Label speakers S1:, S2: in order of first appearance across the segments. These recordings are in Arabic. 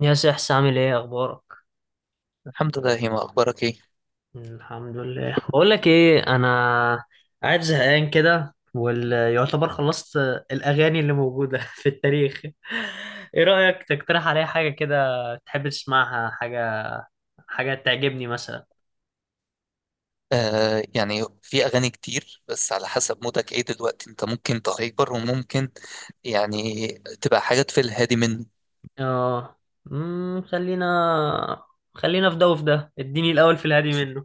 S1: يا سحس عامل ايه اخبارك؟
S2: الحمد لله هيما، اخبارك ايه؟
S1: الحمد لله. بقول لك ايه، انا قاعد زهقان كده ويعتبر خلصت الاغاني اللي موجوده في التاريخ. ايه رايك تقترح عليا حاجه كده تحب تسمعها؟ حاجه حاجه تعجبني مثلا.
S2: آه، يعني في اغاني كتير بس على حسب مودك ايه دلوقتي. انت ممكن تهايبر وممكن يعني تبقى حاجات في الهادي منه.
S1: اه. خلينا في ده وفي ده، اديني الاول في الهادي منه.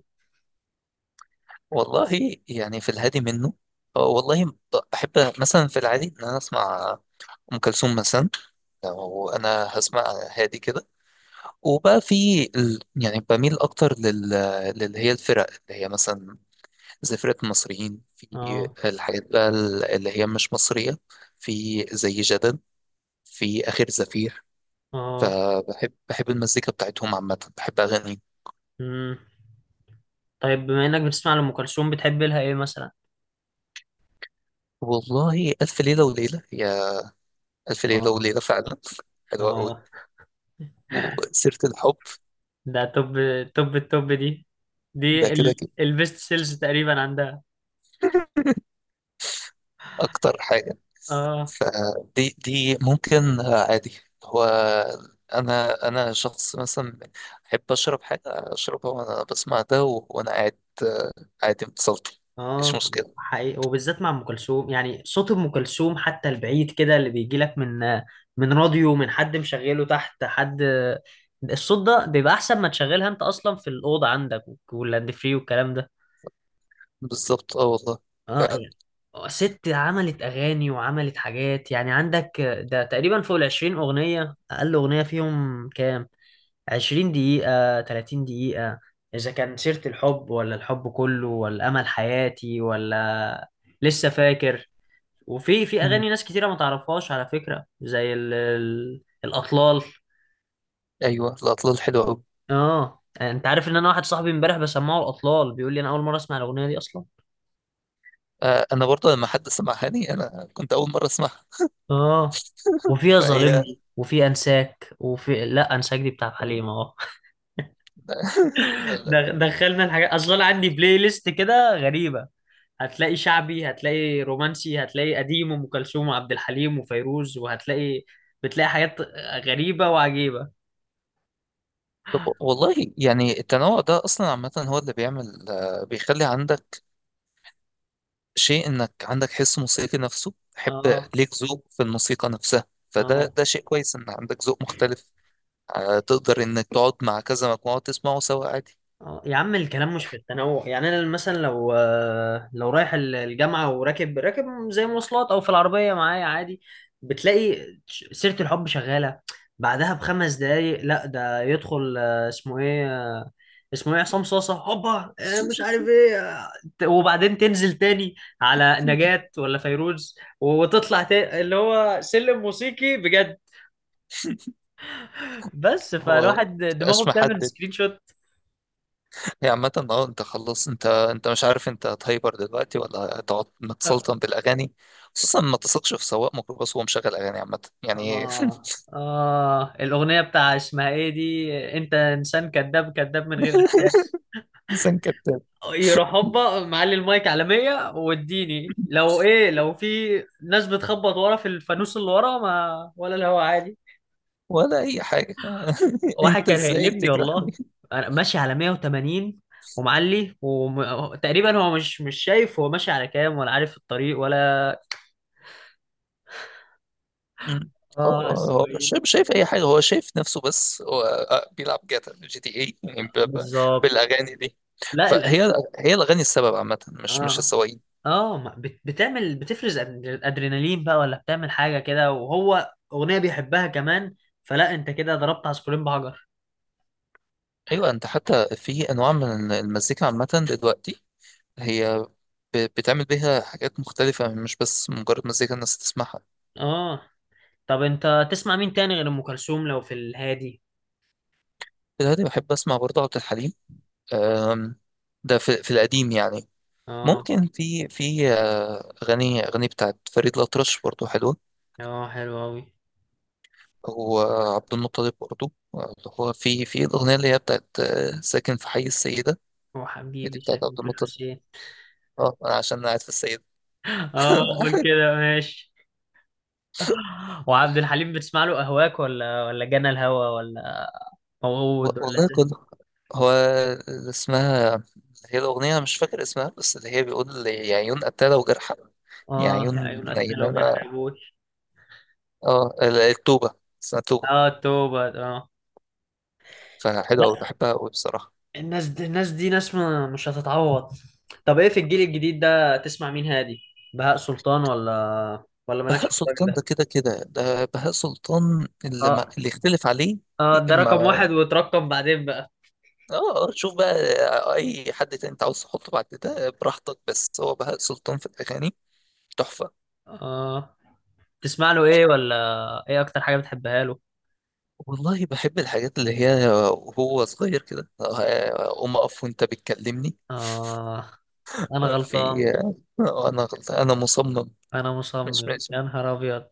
S2: والله يعني في الهادي منه آه، والله ب- بحب مثلا في العادي ان انا اسمع ام كلثوم مثلا. لو انا هسمع هادي كده يعني بميل اكتر للي هي الفرق، اللي هي مثلا زي فرقة المصريين في
S1: اه.
S2: الحاجات بقى، اللي هي مش مصرية. في زي جدل، في آخر زفير.
S1: اه.
S2: فبحب المزيكا بتاعتهم عامة، بحب أغاني.
S1: امم، طيب بما انك بتسمع لأم كلثوم، بتحب لها ايه مثلا؟
S2: والله ألف ليلة وليلة، ألف ليلة وليلة
S1: اه.
S2: فعلا. حلوة أوي،
S1: اه،
S2: وسيرة الحب.
S1: ده توب، توب التوب دي.
S2: ده
S1: دي
S2: كده كده
S1: البيست سيلز تقريبا عندها.
S2: أكتر حاجة.
S1: اه.
S2: فدي ممكن عادي. هو أنا شخص مثلا أحب أشرب حاجة، أشربها وأنا بسمع ده وأنا قاعد، عادي متصلت. مش
S1: اه
S2: مشكلة.
S1: حقيقي، وبالذات مع ام كلثوم. يعني صوت ام كلثوم حتى البعيد كده اللي بيجي لك من راديو، من حد مشغله تحت، حد الصوت ده بيبقى احسن ما تشغلها انت اصلا في الاوضه عندك واللاند فري والكلام ده.
S2: بالظبط، اه والله
S1: اه
S2: فعلا.
S1: يعني، ست عملت اغاني وعملت حاجات، يعني عندك ده تقريبا فوق العشرين اغنيه. اقل اغنيه فيهم كام؟ 20 دقيقة، 30 دقيقة. إذا كان سيرة الحب ولا الحب كله ولا أمل حياتي ولا، لسه فاكر. وفي
S2: مم.
S1: أغاني ناس كتيرة ما تعرفهاش على فكرة، زي الأطلال.
S2: أيوه الأطلال حلوة أوي.
S1: آه، أنت عارف إن أنا واحد صاحبي إمبارح بسمعه الأطلال بيقول لي أنا أول مرة أسمع الأغنية دي أصلا.
S2: انا برضه لما حد سمعها لي انا كنت اول مره اسمعها.
S1: آه. وفيها
S2: فهي
S1: ظالمني، وفي أنساك، وفي لا أنساك دي بتاع
S2: هي-
S1: حليم أهو. دخلنا الحاجات. أصلا أنا عندي بلاي ليست كده غريبة، هتلاقي شعبي هتلاقي رومانسي هتلاقي قديم وأم كلثوم وعبد الحليم وفيروز، بتلاقي حاجات غريبة وعجيبة.
S2: طب والله، يعني التنوع ده اصلا عامه هو اللي بيعمل بيخلي عندك شيء، انك عندك حس موسيقي نفسه تحب،
S1: اه.
S2: ليك ذوق في الموسيقى نفسها. فده
S1: اه.
S2: ده شيء كويس ان عندك ذوق مختلف. تقدر انك تقعد مع كذا مجموعه تسمعه سوا عادي.
S1: اه يا عم، الكلام مش في التنوع. يعني انا مثلا لو لو رايح الجامعه وراكب، زي مواصلات او في العربيه معايا، عادي بتلاقي سيره الحب شغاله، بعدها بخمس دقايق لا ده يدخل اسمه ايه، اسمه ايه، عصام صاصه هوبا، مش عارف ايه، وبعدين تنزل تاني على نجاة ولا فيروز، وتطلع تاني اللي هو سلم موسيقي بجد. بس
S2: هو
S1: فالواحد دماغه
S2: مبقاش
S1: بتعمل
S2: محدد.
S1: سكرين شوت.
S2: هي عامة، اه انت خلاص، انت مش عارف انت هتهايبر دلوقتي ولا هتقعد
S1: اه.
S2: متسلطن بالاغاني. خصوصا ما تثقش في سواق ميكروباص وهو مشغل اغاني عامة يعني.
S1: اه. آه، الاغنيه بتاع اسمها ايه دي، انت انسان كذاب، كذاب من غير احساس،
S2: انسان كذاب.
S1: يروح هوبا معلي المايك على 100، واديني لو ايه لو في ناس بتخبط ورا في الفانوس اللي ورا، ما ولا الهوا عادي.
S2: ولا اي حاجة.
S1: واحد
S2: انت
S1: كان
S2: ازاي
S1: هيقلبني
S2: تجرحني؟
S1: والله، انا ماشي على 180 ومعلي، وتقريبا هو مش شايف هو ماشي على كام ولا عارف الطريق ولا.
S2: مم.
S1: اه
S2: هو
S1: على
S2: هو مش
S1: السويد.
S2: شايف، مش شايف اي حاجة. هو شايف نفسه بس. هو بيلعب جاتا جي تي اي يعني
S1: بالظبط.
S2: بالاغاني دي.
S1: لا
S2: هي الاغاني السبب عامة، مش
S1: اه.
S2: السواقين.
S1: اه بتعمل، بتفرز ادرينالين بقى، ولا بتعمل حاجه كده وهو اغنيه بيحبها كمان، فلا انت كده ضربت عصفورين بحجر.
S2: ايوه، انت حتى في انواع من المزيكا عامة دلوقتي، هي بتعمل بيها حاجات مختلفة، مش بس مجرد مزيكا الناس تسمعها.
S1: اه. طب انت تسمع مين تاني غير ام كلثوم لو في الهادي؟
S2: في الهادي بحب أسمع برضه عبد الحليم. أم، ده في، في القديم يعني.
S1: اه.
S2: ممكن في في أغاني، أغاني بتاعت فريد الأطرش برضه حلوة.
S1: اه حلو اوي.
S2: وعبد المطلب برضه، اللي هو في في الأغنية اللي هي بتاعت ساكن في حي السيدة.
S1: هو
S2: هي دي
S1: حبيبي
S2: بتاعت عبد
S1: شكلك
S2: المطلب.
S1: الحسين.
S2: اه، أنا عشان أنا قاعد في السيدة.
S1: اه قول كده ماشي. وعبد الحليم بتسمع له أهواك ولا جنى الهوى ولا موعود ولا
S2: والله
S1: زي.
S2: كله. هو اللي اسمها، الأغنية مش فاكر اسمها، بس اللي هي بيقول لي يا عيون قتالة وجرحى، يا
S1: اه، يا
S2: عيون
S1: عيون قتلة وجرح
S2: نايمانة.
S1: أبوي.
S2: اه التوبة، اسمها توبة.
S1: اه، توبة، اه.
S2: فحلوة أوي،
S1: لا،
S2: بحبها أوي بصراحة.
S1: الناس دي، الناس دي ناس ما مش هتتعوض. طب ايه في الجيل الجديد ده تسمع مين هادي؟ بهاء سلطان ولا مالكش
S2: بهاء
S1: في الراجل
S2: سلطان ده
S1: ده؟
S2: كده كده، ده بهاء سلطان اللي ما
S1: اه.
S2: اللي يختلف عليه.
S1: اه ده رقم
S2: ما
S1: واحد وترقم بعدين بقى.
S2: اه شوف بقى، أي حد تاني أنت عاوز تحطه بعد ده براحتك، بس هو بهاء سلطان في الأغاني تحفة.
S1: اه. تسمع له ايه، ولا ايه اكتر حاجة بتحبها له؟
S2: والله بحب الحاجات اللي هي وهو صغير كده، قوم أقف وأنت بتكلمني،
S1: اه، انا غلطان،
S2: في أنا غلطان، أنا مصمم،
S1: انا
S2: مش
S1: مصمم
S2: ماشي.
S1: يا نهار ابيض.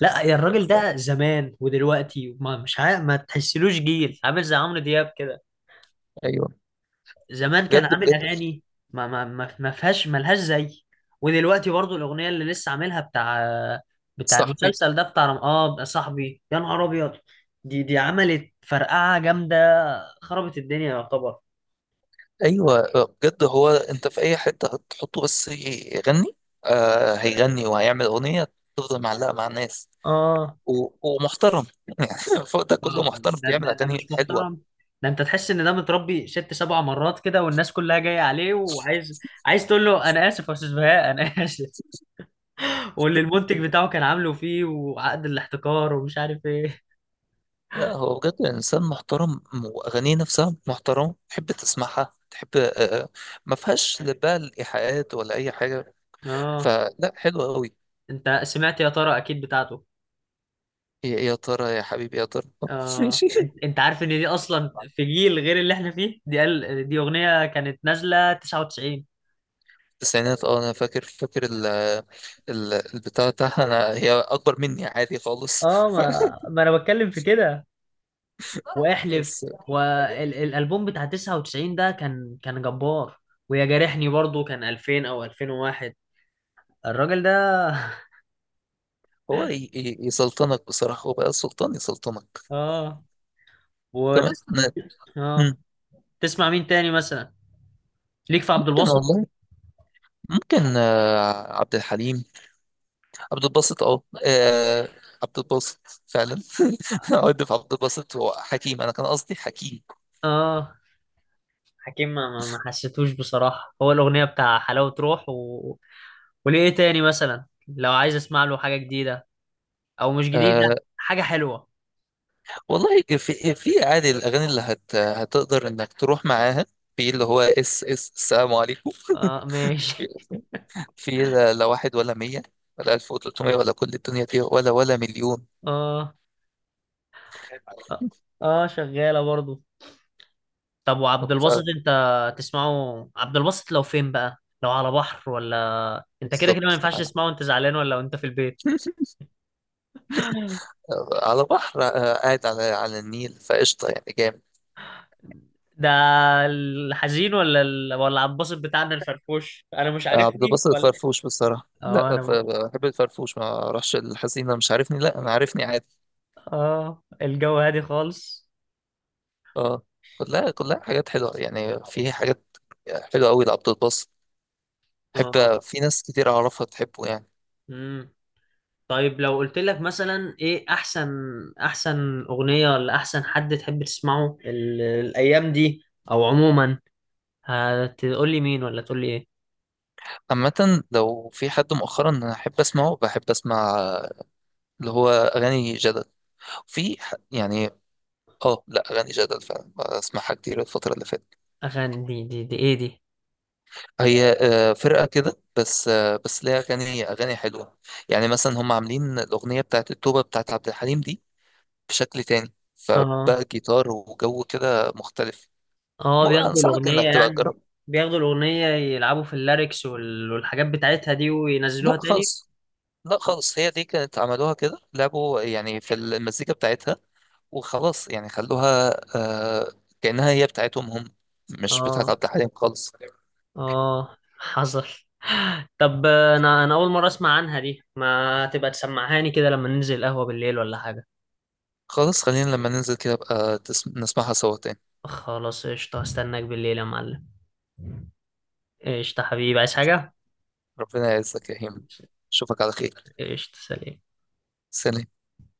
S1: لا يا الراجل ده
S2: ف-
S1: زمان ودلوقتي، ما مش عارف، ما تحسلوش جيل عامل زي عمرو دياب كده.
S2: أيوه
S1: زمان كان
S2: بجد
S1: عامل
S2: بجد.
S1: اغاني ما فيهاش، ملهاش زي. ودلوقتي برضو الاغنيه اللي لسه عاملها، بتاع
S2: صاحبي،
S1: المسلسل ده، بتاع اه بقى صاحبي يا نهار ابيض، دي عملت فرقعه جامده، خربت الدنيا يعتبر.
S2: ايوه بجد. هو انت في اي حته هتحطه بس يغني. آه هيغني وهيعمل اغنيه تفضل معلقه مع الناس
S1: اه.
S2: ومحترم، يعني فوق ده كله
S1: محترم،
S2: محترم بيعمل
S1: ده مش
S2: اغاني حلوه.
S1: محترم. ده انت تحس ان ده متربي ست سبع مرات كده، والناس كلها جايه عليه، عايز تقول له انا اسف يا استاذ بهاء، انا اسف. واللي المنتج بتاعه كان عامله فيه، وعقد الاحتكار ومش عارف ايه.
S2: لا هو بجد انسان محترم، واغانيه نفسها محترمه تحب تسمعها. تحب آه، آه، ما فيهاش لا بقى الايحاءات ولا اي حاجه.
S1: اه.
S2: فلا، حلوه قوي.
S1: انت سمعت يا ترى، اكيد، بتاعته.
S2: يا ترى، يا حبيبي يا ترى.
S1: اه.
S2: ماشي.
S1: أنت عارف ان دي اصلا في جيل غير اللي احنا فيه؟ دي قال دي اغنية كانت نازلة 99.
S2: التسعينات، اه انا فاكر، فاكر ال البتاع بتاعها. انا هي اكبر مني عادي خالص.
S1: اه. ما ما انا بتكلم في كده واحلف.
S2: بس
S1: والالبوم بتاع 99 ده كان كان جبار. ويا جارحني برضو كان 2000 او 2001، الراجل ده.
S2: هو يسلطنك بصراحة، هو بقى سلطان يسلطنك.
S1: اه.
S2: كمان
S1: وتس... اه.
S2: مم.
S1: تسمع مين تاني مثلا؟ ليك في عبد
S2: ممكن
S1: الباسط؟
S2: والله، ممكن عبد الحليم، عبد الباسط، اه عبد الباسط فعلا. عد في عبد الباسط، هو حكيم، انا كان قصدي حكيم.
S1: اه حكيم، ما ما ما حسيتوش بصراحة هو الأغنية بتاع حلاوة روح وليه. إيه تاني مثلا لو عايز أسمع له حاجة جديدة، أو مش جديدة،
S2: آه
S1: حاجة حلوة؟
S2: والله في في عادي الاغاني اللي هتقدر انك تروح معاها، في اللي هو اس السلام عليكم،
S1: آه ماشي.
S2: في لا لا واحد ولا مية ولا ألف وتلتمية، ولا كل الدنيا دي، ولا ولا مليون.
S1: آه. آه. آه، شغالة برضو. طب وعبد الباسط
S2: ف-
S1: أنت تسمعه عبد الباسط لو فين بقى؟ لو على بحر، ولا أنت كده كده ما
S2: بالظبط.
S1: ينفعش تسمعه وأنت زعلان، ولا وأنت في البيت؟
S2: على بحر، قاعد على على النيل فقشطة يعني جامد.
S1: ده الحزين، ولا عبد الباسط بتاعنا الفرفوش أنا مش
S2: عبد
S1: عارفني
S2: الباسط
S1: ولا؟
S2: الفرفوش بصراحة.
S1: آه.
S2: لا بحب الفرفوش، ما راحش الحزينة، مش عارفني. لا أنا عارفني عادي.
S1: اه الجو هادي خالص.
S2: اه، كلها حاجات حلوة، يعني في حاجات حلوة أوي لعبد الباسط.
S1: اه.
S2: بحب في ناس كتير أعرفها تحبه يعني.
S1: امم، طيب لو قلت لك مثلا ايه احسن، احسن اغنية ولا احسن حد تحب تسمعه الايام دي، او عموما، هتقول لي مين ولا تقول لي ايه؟
S2: عامة لو في حد مؤخرا أنا أحب أسمعه، بحب أسمع اللي هو أغاني جدل. يعني اه، لا اغاني جدل فعلا اسمعها كتير الفتره اللي فاتت.
S1: اغاني دي ايه دي؟
S2: هي فرقه كده، بس بس ليها اغاني، اغاني حلوه. يعني مثلا هم عاملين الاغنيه بتاعت التوبه بتاعت عبد الحليم دي بشكل تاني،
S1: اه.
S2: فبقى جيتار وجو كده مختلف.
S1: اه
S2: مو
S1: بياخدوا
S2: انصحك
S1: الاغنية
S2: انك تبقى
S1: يعني،
S2: تجرب.
S1: بياخدوا الاغنية يلعبوا في الليركس والحاجات بتاعتها دي
S2: لا
S1: وينزلوها تاني.
S2: خالص، لا خالص، هي دي كانت عملوها كده، لعبوا يعني في المزيكا بتاعتها وخلاص، يعني خلوها آه، كانها هي بتاعتهم هم، مش بتاعت
S1: اه.
S2: عبد الحليم خالص.
S1: اه حصل. طب انا اول مره اسمع عنها دي، ما تبقى تسمعهاني كده لما ننزل قهوه بالليل ولا حاجه.
S2: خلاص خلينا لما ننزل كده بقى نسمعها سوا تاني.
S1: خلاص قشطه، استناك بالليل يا معلم. قشطه حبيبي، عايز حاجه؟
S2: ربنا يعزك يا هيما، اشوفك على خير.
S1: قشطه، سلام.
S2: سلام.